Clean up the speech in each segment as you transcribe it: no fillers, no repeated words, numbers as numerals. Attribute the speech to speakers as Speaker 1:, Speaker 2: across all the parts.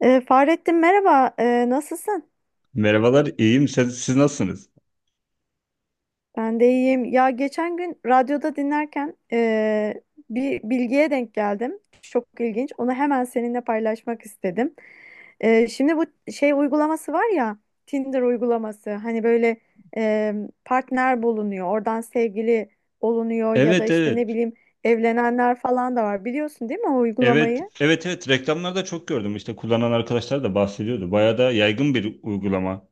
Speaker 1: Fahrettin, merhaba. Nasılsın?
Speaker 2: Merhabalar, iyiyim. Siz nasılsınız?
Speaker 1: Ben de iyiyim. Ya geçen gün radyoda dinlerken bir bilgiye denk geldim. Çok ilginç. Onu hemen seninle paylaşmak istedim. Şimdi bu şey uygulaması var ya, Tinder uygulaması. Hani böyle ee, partner bulunuyor, oradan sevgili olunuyor ya da
Speaker 2: Evet,
Speaker 1: işte ne
Speaker 2: evet.
Speaker 1: bileyim evlenenler falan da var. Biliyorsun değil mi o
Speaker 2: Evet,
Speaker 1: uygulamayı?
Speaker 2: evet, evet. Reklamlarda çok gördüm. İşte kullanan arkadaşlar da bahsediyordu. Bayağı da yaygın bir uygulama.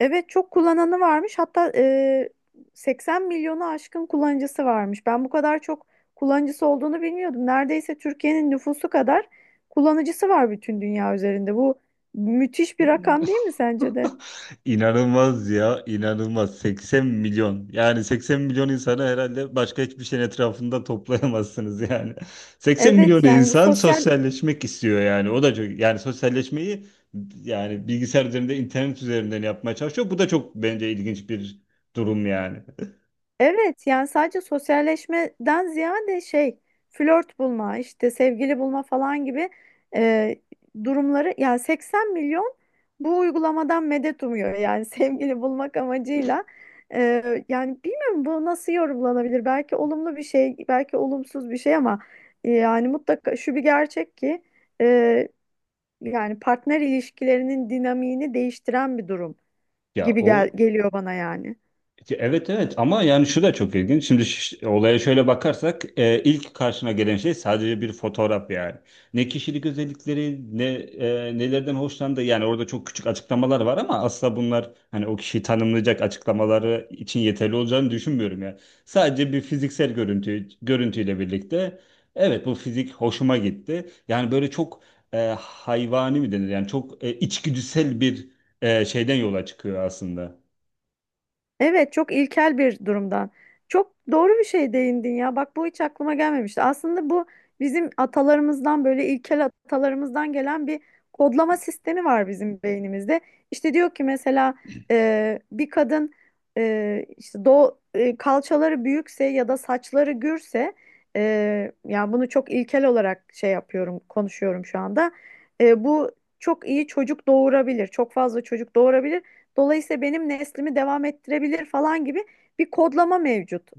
Speaker 1: Evet, çok kullananı varmış. Hatta 80 milyonu aşkın kullanıcısı varmış. Ben bu kadar çok kullanıcısı olduğunu bilmiyordum. Neredeyse Türkiye'nin nüfusu kadar kullanıcısı var bütün dünya üzerinde. Bu müthiş bir rakam değil mi sence de?
Speaker 2: İnanılmaz ya, inanılmaz. 80 milyon. Yani 80 milyon insanı herhalde başka hiçbir şeyin etrafında toplayamazsınız yani. 80 milyon
Speaker 1: Evet, yani bu
Speaker 2: insan
Speaker 1: sosyal.
Speaker 2: sosyalleşmek istiyor yani. O da çok yani sosyalleşmeyi yani bilgisayar üzerinde, internet üzerinden yapmaya çalışıyor. Bu da çok bence ilginç bir durum yani.
Speaker 1: Evet, yani sadece sosyalleşmeden ziyade şey, flört bulma, işte sevgili bulma falan gibi e, durumları. Yani 80 milyon bu uygulamadan medet umuyor yani sevgili bulmak amacıyla. E, yani bilmiyorum, bu nasıl yorumlanabilir, belki olumlu bir şey belki olumsuz bir şey ama yani mutlaka şu bir gerçek ki e, yani partner ilişkilerinin dinamiğini değiştiren bir durum
Speaker 2: Ya
Speaker 1: gibi gel
Speaker 2: o.
Speaker 1: geliyor bana yani.
Speaker 2: Ya evet, evet, ama yani şu da çok ilginç. Şimdi olaya şöyle bakarsak ilk karşına gelen şey sadece bir fotoğraf yani. Ne kişilik özellikleri ne nelerden hoşlandığı, yani orada çok küçük açıklamalar var ama asla bunlar hani o kişiyi tanımlayacak açıklamaları için yeterli olacağını düşünmüyorum ya. Sadece bir fiziksel görüntüyle birlikte evet bu fizik hoşuma gitti. Yani böyle çok hayvani mi denir, yani çok içgüdüsel bir şeyden yola çıkıyor aslında.
Speaker 1: Evet, çok ilkel bir durumdan. Çok doğru bir şey değindin ya. Bak, bu hiç aklıma gelmemişti. Aslında bu bizim atalarımızdan, böyle ilkel atalarımızdan gelen bir kodlama sistemi var bizim beynimizde. İşte diyor ki mesela bir kadın, işte kalçaları büyükse ya da saçları gürse, yani bunu çok ilkel olarak şey yapıyorum, konuşuyorum şu anda. Bu çok iyi çocuk doğurabilir. Çok fazla çocuk doğurabilir. Dolayısıyla benim neslimi devam ettirebilir falan gibi bir kodlama mevcut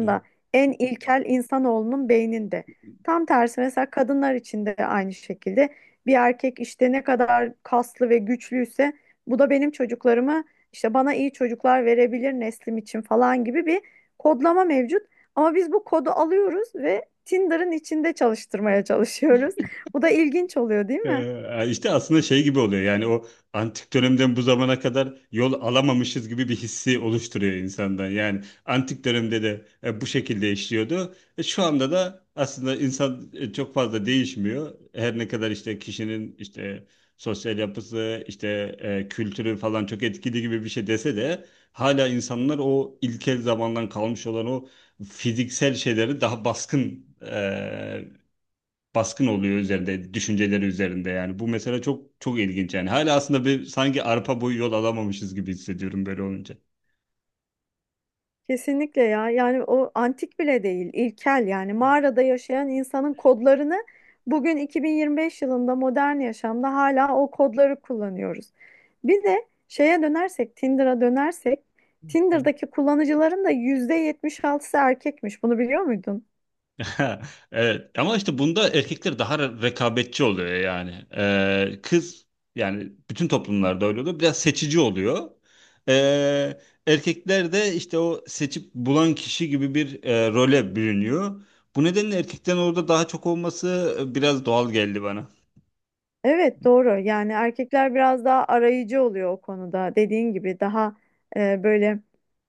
Speaker 2: Evet.
Speaker 1: en ilkel insanoğlunun beyninde. Tam tersi, mesela kadınlar için de aynı şekilde bir erkek işte ne kadar kaslı ve güçlüyse bu da benim çocuklarımı, işte bana iyi çocuklar verebilir neslim için falan gibi bir kodlama mevcut. Ama biz bu kodu alıyoruz ve Tinder'ın içinde çalıştırmaya çalışıyoruz. Bu da ilginç oluyor, değil mi?
Speaker 2: İşte aslında şey gibi oluyor, yani o antik dönemden bu zamana kadar yol alamamışız gibi bir hissi oluşturuyor insandan. Yani antik dönemde de bu şekilde işliyordu. Şu anda da aslında insan çok fazla değişmiyor. Her ne kadar işte kişinin işte sosyal yapısı işte kültürü falan çok etkili gibi bir şey dese de hala insanlar o ilkel zamandan kalmış olan o fiziksel şeyleri daha e, baskın oluyor üzerinde, düşünceleri üzerinde yani. Bu mesela çok çok ilginç yani. Hala aslında bir sanki arpa boyu yol alamamışız gibi hissediyorum böyle olunca.
Speaker 1: Kesinlikle ya. Yani o antik bile değil, ilkel, yani mağarada yaşayan insanın kodlarını bugün 2025 yılında modern yaşamda hala o kodları kullanıyoruz. Bir de şeye dönersek, Tinder'a dönersek,
Speaker 2: Hı.
Speaker 1: Tinder'daki kullanıcıların da %76'sı erkekmiş. Bunu biliyor muydun?
Speaker 2: Evet, ama işte bunda erkekler daha rekabetçi oluyor yani. Kız, yani bütün toplumlarda öyle oluyor. Biraz seçici oluyor. Ee, Erkekler de işte o seçip bulan kişi gibi bir role bürünüyor. Bu nedenle erkeklerin orada daha çok olması biraz doğal geldi bana.
Speaker 1: Evet, doğru. Yani erkekler biraz daha arayıcı oluyor o konuda. Dediğin gibi daha böyle,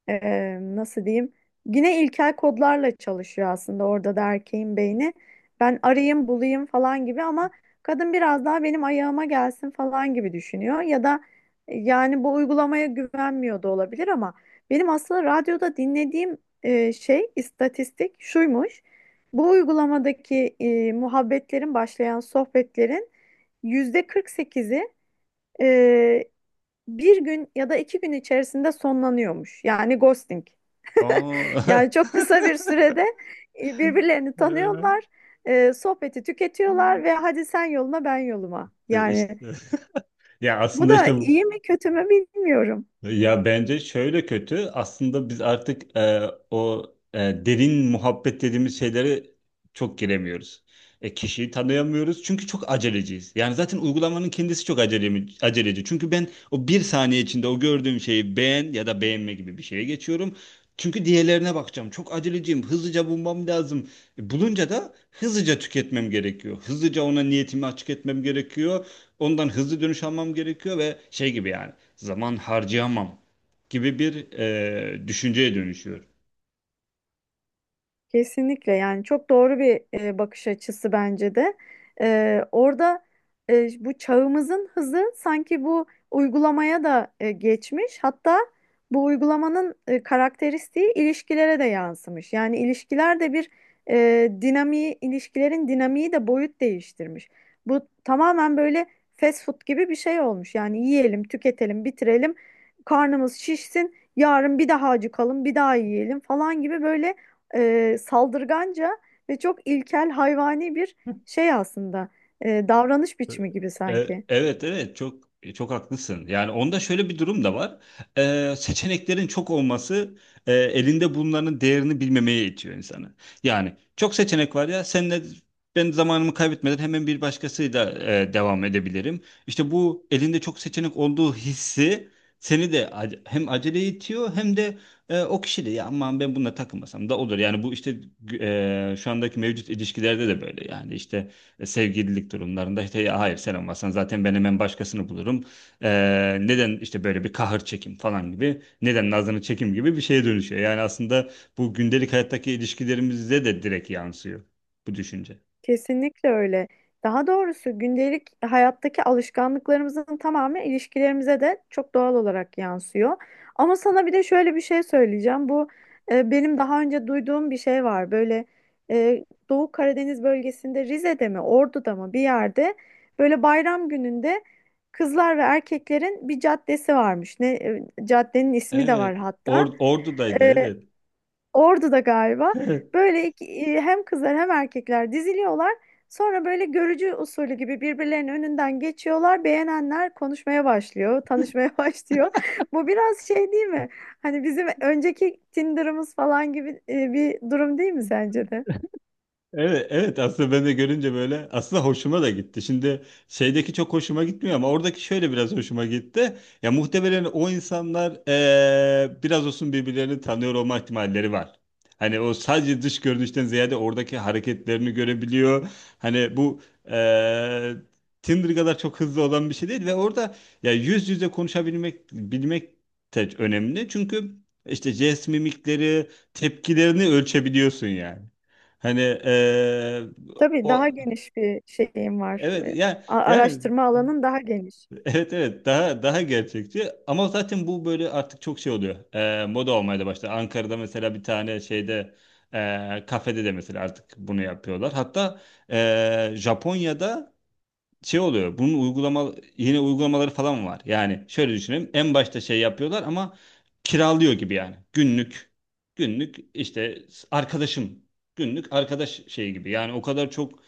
Speaker 1: nasıl diyeyim? Yine ilkel kodlarla çalışıyor aslında, orada da erkeğin beyni. Ben arayayım bulayım falan gibi ama kadın biraz daha benim ayağıma gelsin falan gibi düşünüyor. Ya da yani bu uygulamaya güvenmiyor da olabilir ama benim aslında radyoda dinlediğim şey istatistik şuymuş. Bu uygulamadaki başlayan sohbetlerin yüzde 48'i, e, bir gün ya da iki gün içerisinde sonlanıyormuş. Yani ghosting.
Speaker 2: Aa,
Speaker 1: Yani çok kısa bir sürede birbirlerini tanıyorlar, sohbeti tüketiyorlar ve hadi sen yoluna, ben yoluma.
Speaker 2: Ee,
Speaker 1: Yani
Speaker 2: işte. Ya
Speaker 1: bu
Speaker 2: aslında
Speaker 1: da
Speaker 2: işte
Speaker 1: iyi mi kötü mü bilmiyorum.
Speaker 2: ya bence şöyle kötü. Aslında biz artık o e, derin muhabbet dediğimiz şeylere çok giremiyoruz. Kişiyi tanıyamıyoruz çünkü çok aceleciyiz. Yani zaten uygulamanın kendisi çok aceleci. Çünkü ben o bir saniye içinde o gördüğüm şeyi beğen ya da beğenme gibi bir şeye geçiyorum. Çünkü diğerlerine bakacağım. Çok aceleciyim. Hızlıca bulmam lazım. Bulunca da hızlıca tüketmem gerekiyor. Hızlıca ona niyetimi açık etmem gerekiyor. Ondan hızlı dönüş almam gerekiyor ve şey gibi, yani zaman harcayamam gibi bir düşünceye dönüşüyor.
Speaker 1: Kesinlikle, yani çok doğru bir bakış açısı bence de. Orada bu çağımızın hızı sanki bu uygulamaya da geçmiş. Hatta bu uygulamanın karakteristiği ilişkilere de yansımış. Yani ilişkiler de bir dinamiği, ilişkilerin dinamiği de boyut değiştirmiş. Bu tamamen böyle fast food gibi bir şey olmuş. Yani yiyelim, tüketelim, bitirelim, karnımız şişsin, yarın bir daha acıkalım, bir daha yiyelim falan gibi böyle saldırganca ve çok ilkel hayvani bir şey aslında. Davranış biçimi gibi
Speaker 2: E,
Speaker 1: sanki.
Speaker 2: Evet, evet, çok çok haklısın. Yani onda şöyle bir durum da var. Seçeneklerin çok olması elinde bunların değerini bilmemeye itiyor insanı. Yani çok seçenek var ya, senle ben zamanımı kaybetmeden hemen bir başkasıyla devam edebilirim. İşte bu elinde çok seçenek olduğu hissi seni de hem aceleye itiyor hem de o kişi de ya aman ben bununla takılmasam da olur. Yani bu işte şu andaki mevcut ilişkilerde de böyle, yani işte sevgililik durumlarında işte ya hayır sen olmasan zaten ben hemen başkasını bulurum. Neden işte böyle bir kahır çekim falan gibi, neden nazını çekim gibi bir şeye dönüşüyor. Yani aslında bu gündelik hayattaki ilişkilerimizde de direkt yansıyor bu düşünce.
Speaker 1: Kesinlikle öyle. Daha doğrusu gündelik hayattaki alışkanlıklarımızın tamamı ilişkilerimize de çok doğal olarak yansıyor. Ama sana bir de şöyle bir şey söyleyeceğim. Bu benim daha önce duyduğum bir şey var. Böyle Doğu Karadeniz bölgesinde Rize'de mi, Ordu'da mı bir yerde böyle bayram gününde kızlar ve erkeklerin bir caddesi varmış. Ne, caddenin ismi de var
Speaker 2: Evet.
Speaker 1: hatta.
Speaker 2: Ordu'daydı
Speaker 1: E,
Speaker 2: evet.
Speaker 1: Orada da galiba böyle hem kızlar hem erkekler diziliyorlar. Sonra böyle görücü usulü gibi birbirlerinin önünden geçiyorlar. Beğenenler konuşmaya başlıyor, tanışmaya başlıyor. Bu biraz şey değil mi? Hani bizim önceki Tinder'ımız falan gibi bir durum değil mi sence de?
Speaker 2: Evet, evet, aslında ben de görünce böyle aslında hoşuma da gitti. Şimdi şeydeki çok hoşuma gitmiyor ama oradaki şöyle biraz hoşuma gitti. Ya muhtemelen o insanlar biraz olsun birbirlerini tanıyor olma ihtimalleri var. Hani o sadece dış görünüşten ziyade oradaki hareketlerini görebiliyor. Hani bu eee Tinder kadar çok hızlı olan bir şey değil ve orada ya yüz yüze konuşabilmek bilmek de önemli. Çünkü işte jest mimikleri, tepkilerini ölçebiliyorsun yani. Hani eee,
Speaker 1: Tabii daha
Speaker 2: O
Speaker 1: geniş bir şeyim var.
Speaker 2: evet, yani yani
Speaker 1: Araştırma alanın daha geniş.
Speaker 2: evet, evet, daha daha gerçekçi ama zaten bu böyle artık çok şey oluyor. Moda olmaya da başladı. Ankara'da mesela bir tane şeyde kafede de mesela artık bunu yapıyorlar. Hatta Japonya'da şey oluyor. Bunun uygulama yine uygulamaları falan var. Yani şöyle düşünelim. En başta şey yapıyorlar ama kiralıyor gibi yani. Günlük işte arkadaşım, günlük arkadaş şeyi gibi. Yani o kadar çok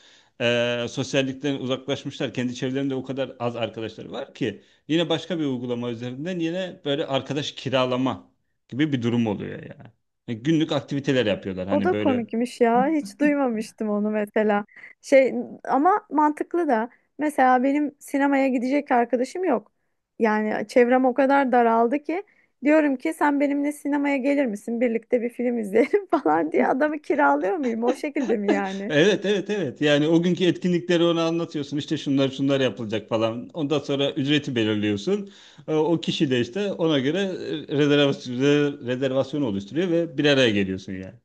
Speaker 2: sosyallikten uzaklaşmışlar. Kendi çevrelerinde o kadar az arkadaşları var ki yine başka bir uygulama üzerinden yine böyle arkadaş kiralama gibi bir durum oluyor yani. Yani günlük aktiviteler yapıyorlar.
Speaker 1: O
Speaker 2: Hani
Speaker 1: da
Speaker 2: böyle
Speaker 1: komikmiş ya. Hiç duymamıştım onu mesela. Şey, ama mantıklı da. Mesela benim sinemaya gidecek arkadaşım yok. Yani çevrem o kadar daraldı ki diyorum ki sen benimle sinemaya gelir misin? Birlikte bir film izleyelim falan diye adamı kiralıyor muyum? O şekilde mi yani?
Speaker 2: evet, evet, evet, yani o günkü etkinlikleri ona anlatıyorsun, İşte şunlar şunlar yapılacak falan, ondan sonra ücreti belirliyorsun. O kişi de işte ona göre e, rezervasyon, rezervasyon oluşturuyor ve bir araya geliyorsun yani.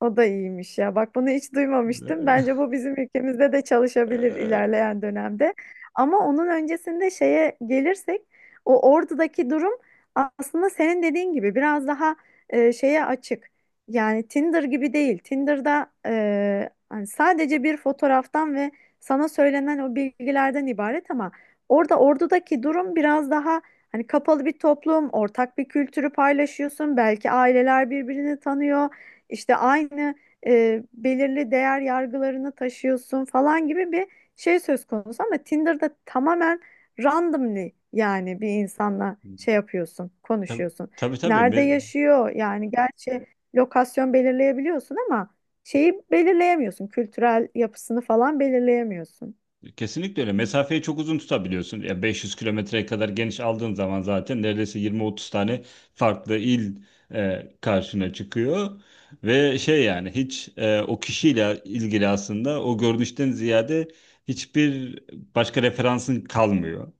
Speaker 1: O da iyiymiş ya. Bak, bunu hiç duymamıştım. Bence bu bizim ülkemizde de çalışabilir ilerleyen dönemde. Ama onun öncesinde şeye gelirsek, o Ordu'daki durum aslında senin dediğin gibi biraz daha şeye açık. Yani Tinder gibi değil. Tinder'da hani sadece bir fotoğraftan ve sana söylenen o bilgilerden ibaret ama orada Ordu'daki durum biraz daha, hani, kapalı bir toplum, ortak bir kültürü paylaşıyorsun. Belki aileler birbirini tanıyor. İşte aynı belirli değer yargılarını taşıyorsun falan gibi bir şey söz konusu ama Tinder'da tamamen randomly, yani bir insanla şey yapıyorsun,
Speaker 2: Tabi
Speaker 1: konuşuyorsun.
Speaker 2: tabii tabii.
Speaker 1: Nerede
Speaker 2: Me-
Speaker 1: yaşıyor? Yani gerçi lokasyon belirleyebiliyorsun ama şeyi belirleyemiyorsun. Kültürel yapısını falan belirleyemiyorsun.
Speaker 2: Kesinlikle öyle. Mesafeyi çok uzun tutabiliyorsun. Ya 500 kilometreye kadar geniş aldığın zaman zaten neredeyse 20-30 tane farklı il karşına çıkıyor. Ve şey, yani hiç o kişiyle ilgili aslında o görünüşten ziyade hiçbir başka referansın kalmıyor.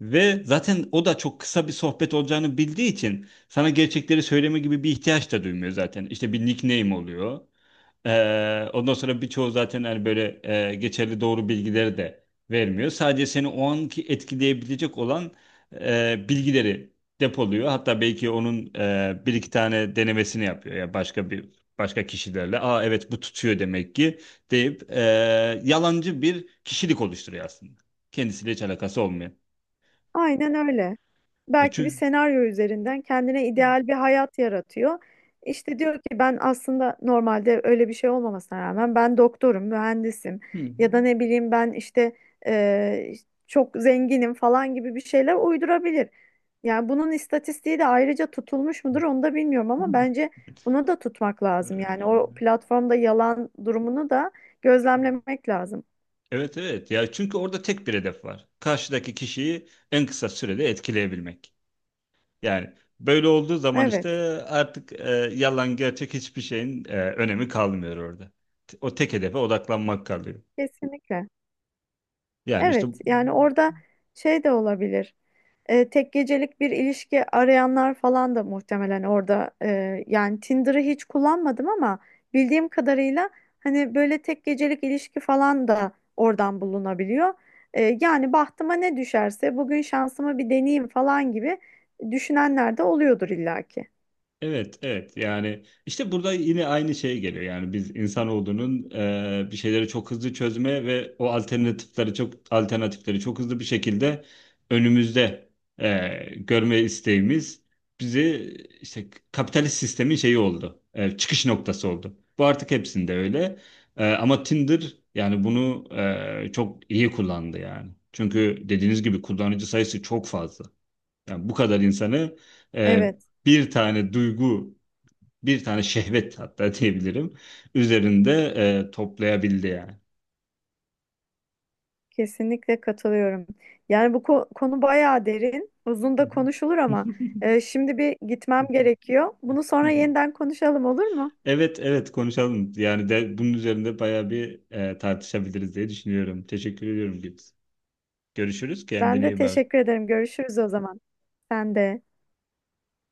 Speaker 2: Ve zaten o da çok kısa bir sohbet olacağını bildiği için sana gerçekleri söyleme gibi bir ihtiyaç da duymuyor zaten. İşte bir nickname oluyor. Ondan sonra birçoğu zaten hani böyle geçerli doğru bilgileri de vermiyor. Sadece seni o anki etkileyebilecek olan bilgileri depoluyor. Hatta belki onun bir iki tane denemesini yapıyor. Ya başka kişilerle. Aa evet bu tutuyor demek ki deyip yalancı bir kişilik oluşturuyor aslında. Kendisiyle hiç alakası olmuyor.
Speaker 1: Aynen öyle.
Speaker 2: E,
Speaker 1: Belki bir
Speaker 2: çünkü...
Speaker 1: senaryo üzerinden kendine ideal bir hayat yaratıyor. İşte diyor ki ben aslında normalde öyle bir şey olmamasına rağmen ben doktorum, mühendisim
Speaker 2: Hı.
Speaker 1: ya da ne bileyim, ben işte e, çok zenginim falan gibi bir şeyler uydurabilir. Yani bunun istatistiği de ayrıca tutulmuş mudur onu da bilmiyorum ama bence bunu da tutmak
Speaker 2: Hı.
Speaker 1: lazım. Yani o platformda yalan durumunu da gözlemlemek lazım.
Speaker 2: Evet, evet, ya çünkü orada tek bir hedef var. Karşıdaki kişiyi en kısa sürede etkileyebilmek. Yani böyle olduğu zaman işte
Speaker 1: Evet,
Speaker 2: artık yalan gerçek hiçbir şeyin önemi kalmıyor orada. O tek hedefe odaklanmak kalıyor.
Speaker 1: kesinlikle.
Speaker 2: Yani işte
Speaker 1: Evet, yani orada şey de olabilir. Tek gecelik bir ilişki arayanlar falan da muhtemelen orada, yani Tinder'ı hiç kullanmadım ama bildiğim kadarıyla hani böyle tek gecelik ilişki falan da oradan bulunabiliyor. Yani bahtıma ne düşerse bugün şansımı bir deneyeyim falan gibi düşünenler de oluyordur illaki.
Speaker 2: evet, evet. Yani işte burada yine aynı şey geliyor. Yani biz insanoğlunun bir şeyleri çok hızlı çözme ve o alternatifleri çok hızlı bir şekilde önümüzde görme isteğimiz bizi işte kapitalist sistemin şeyi oldu. Çıkış noktası oldu. Bu artık hepsinde öyle. Ama Tinder yani bunu çok iyi kullandı yani. Çünkü dediğiniz gibi kullanıcı sayısı çok fazla. Yani bu kadar insanı e,
Speaker 1: Evet,
Speaker 2: bir tane duygu, bir tane şehvet hatta diyebilirim üzerinde toplayabildi yani.
Speaker 1: kesinlikle katılıyorum. Yani bu konu bayağı derin, uzun da konuşulur ama şimdi bir gitmem gerekiyor. Bunu sonra yeniden konuşalım olur mu?
Speaker 2: Evet, evet konuşalım. Yani de bunun üzerinde bayağı bir tartışabiliriz diye düşünüyorum. Teşekkür ediyorum Gibbs. Görüşürüz.
Speaker 1: Ben
Speaker 2: Kendine
Speaker 1: de
Speaker 2: iyi bak.
Speaker 1: teşekkür ederim. Görüşürüz o zaman. Sen de.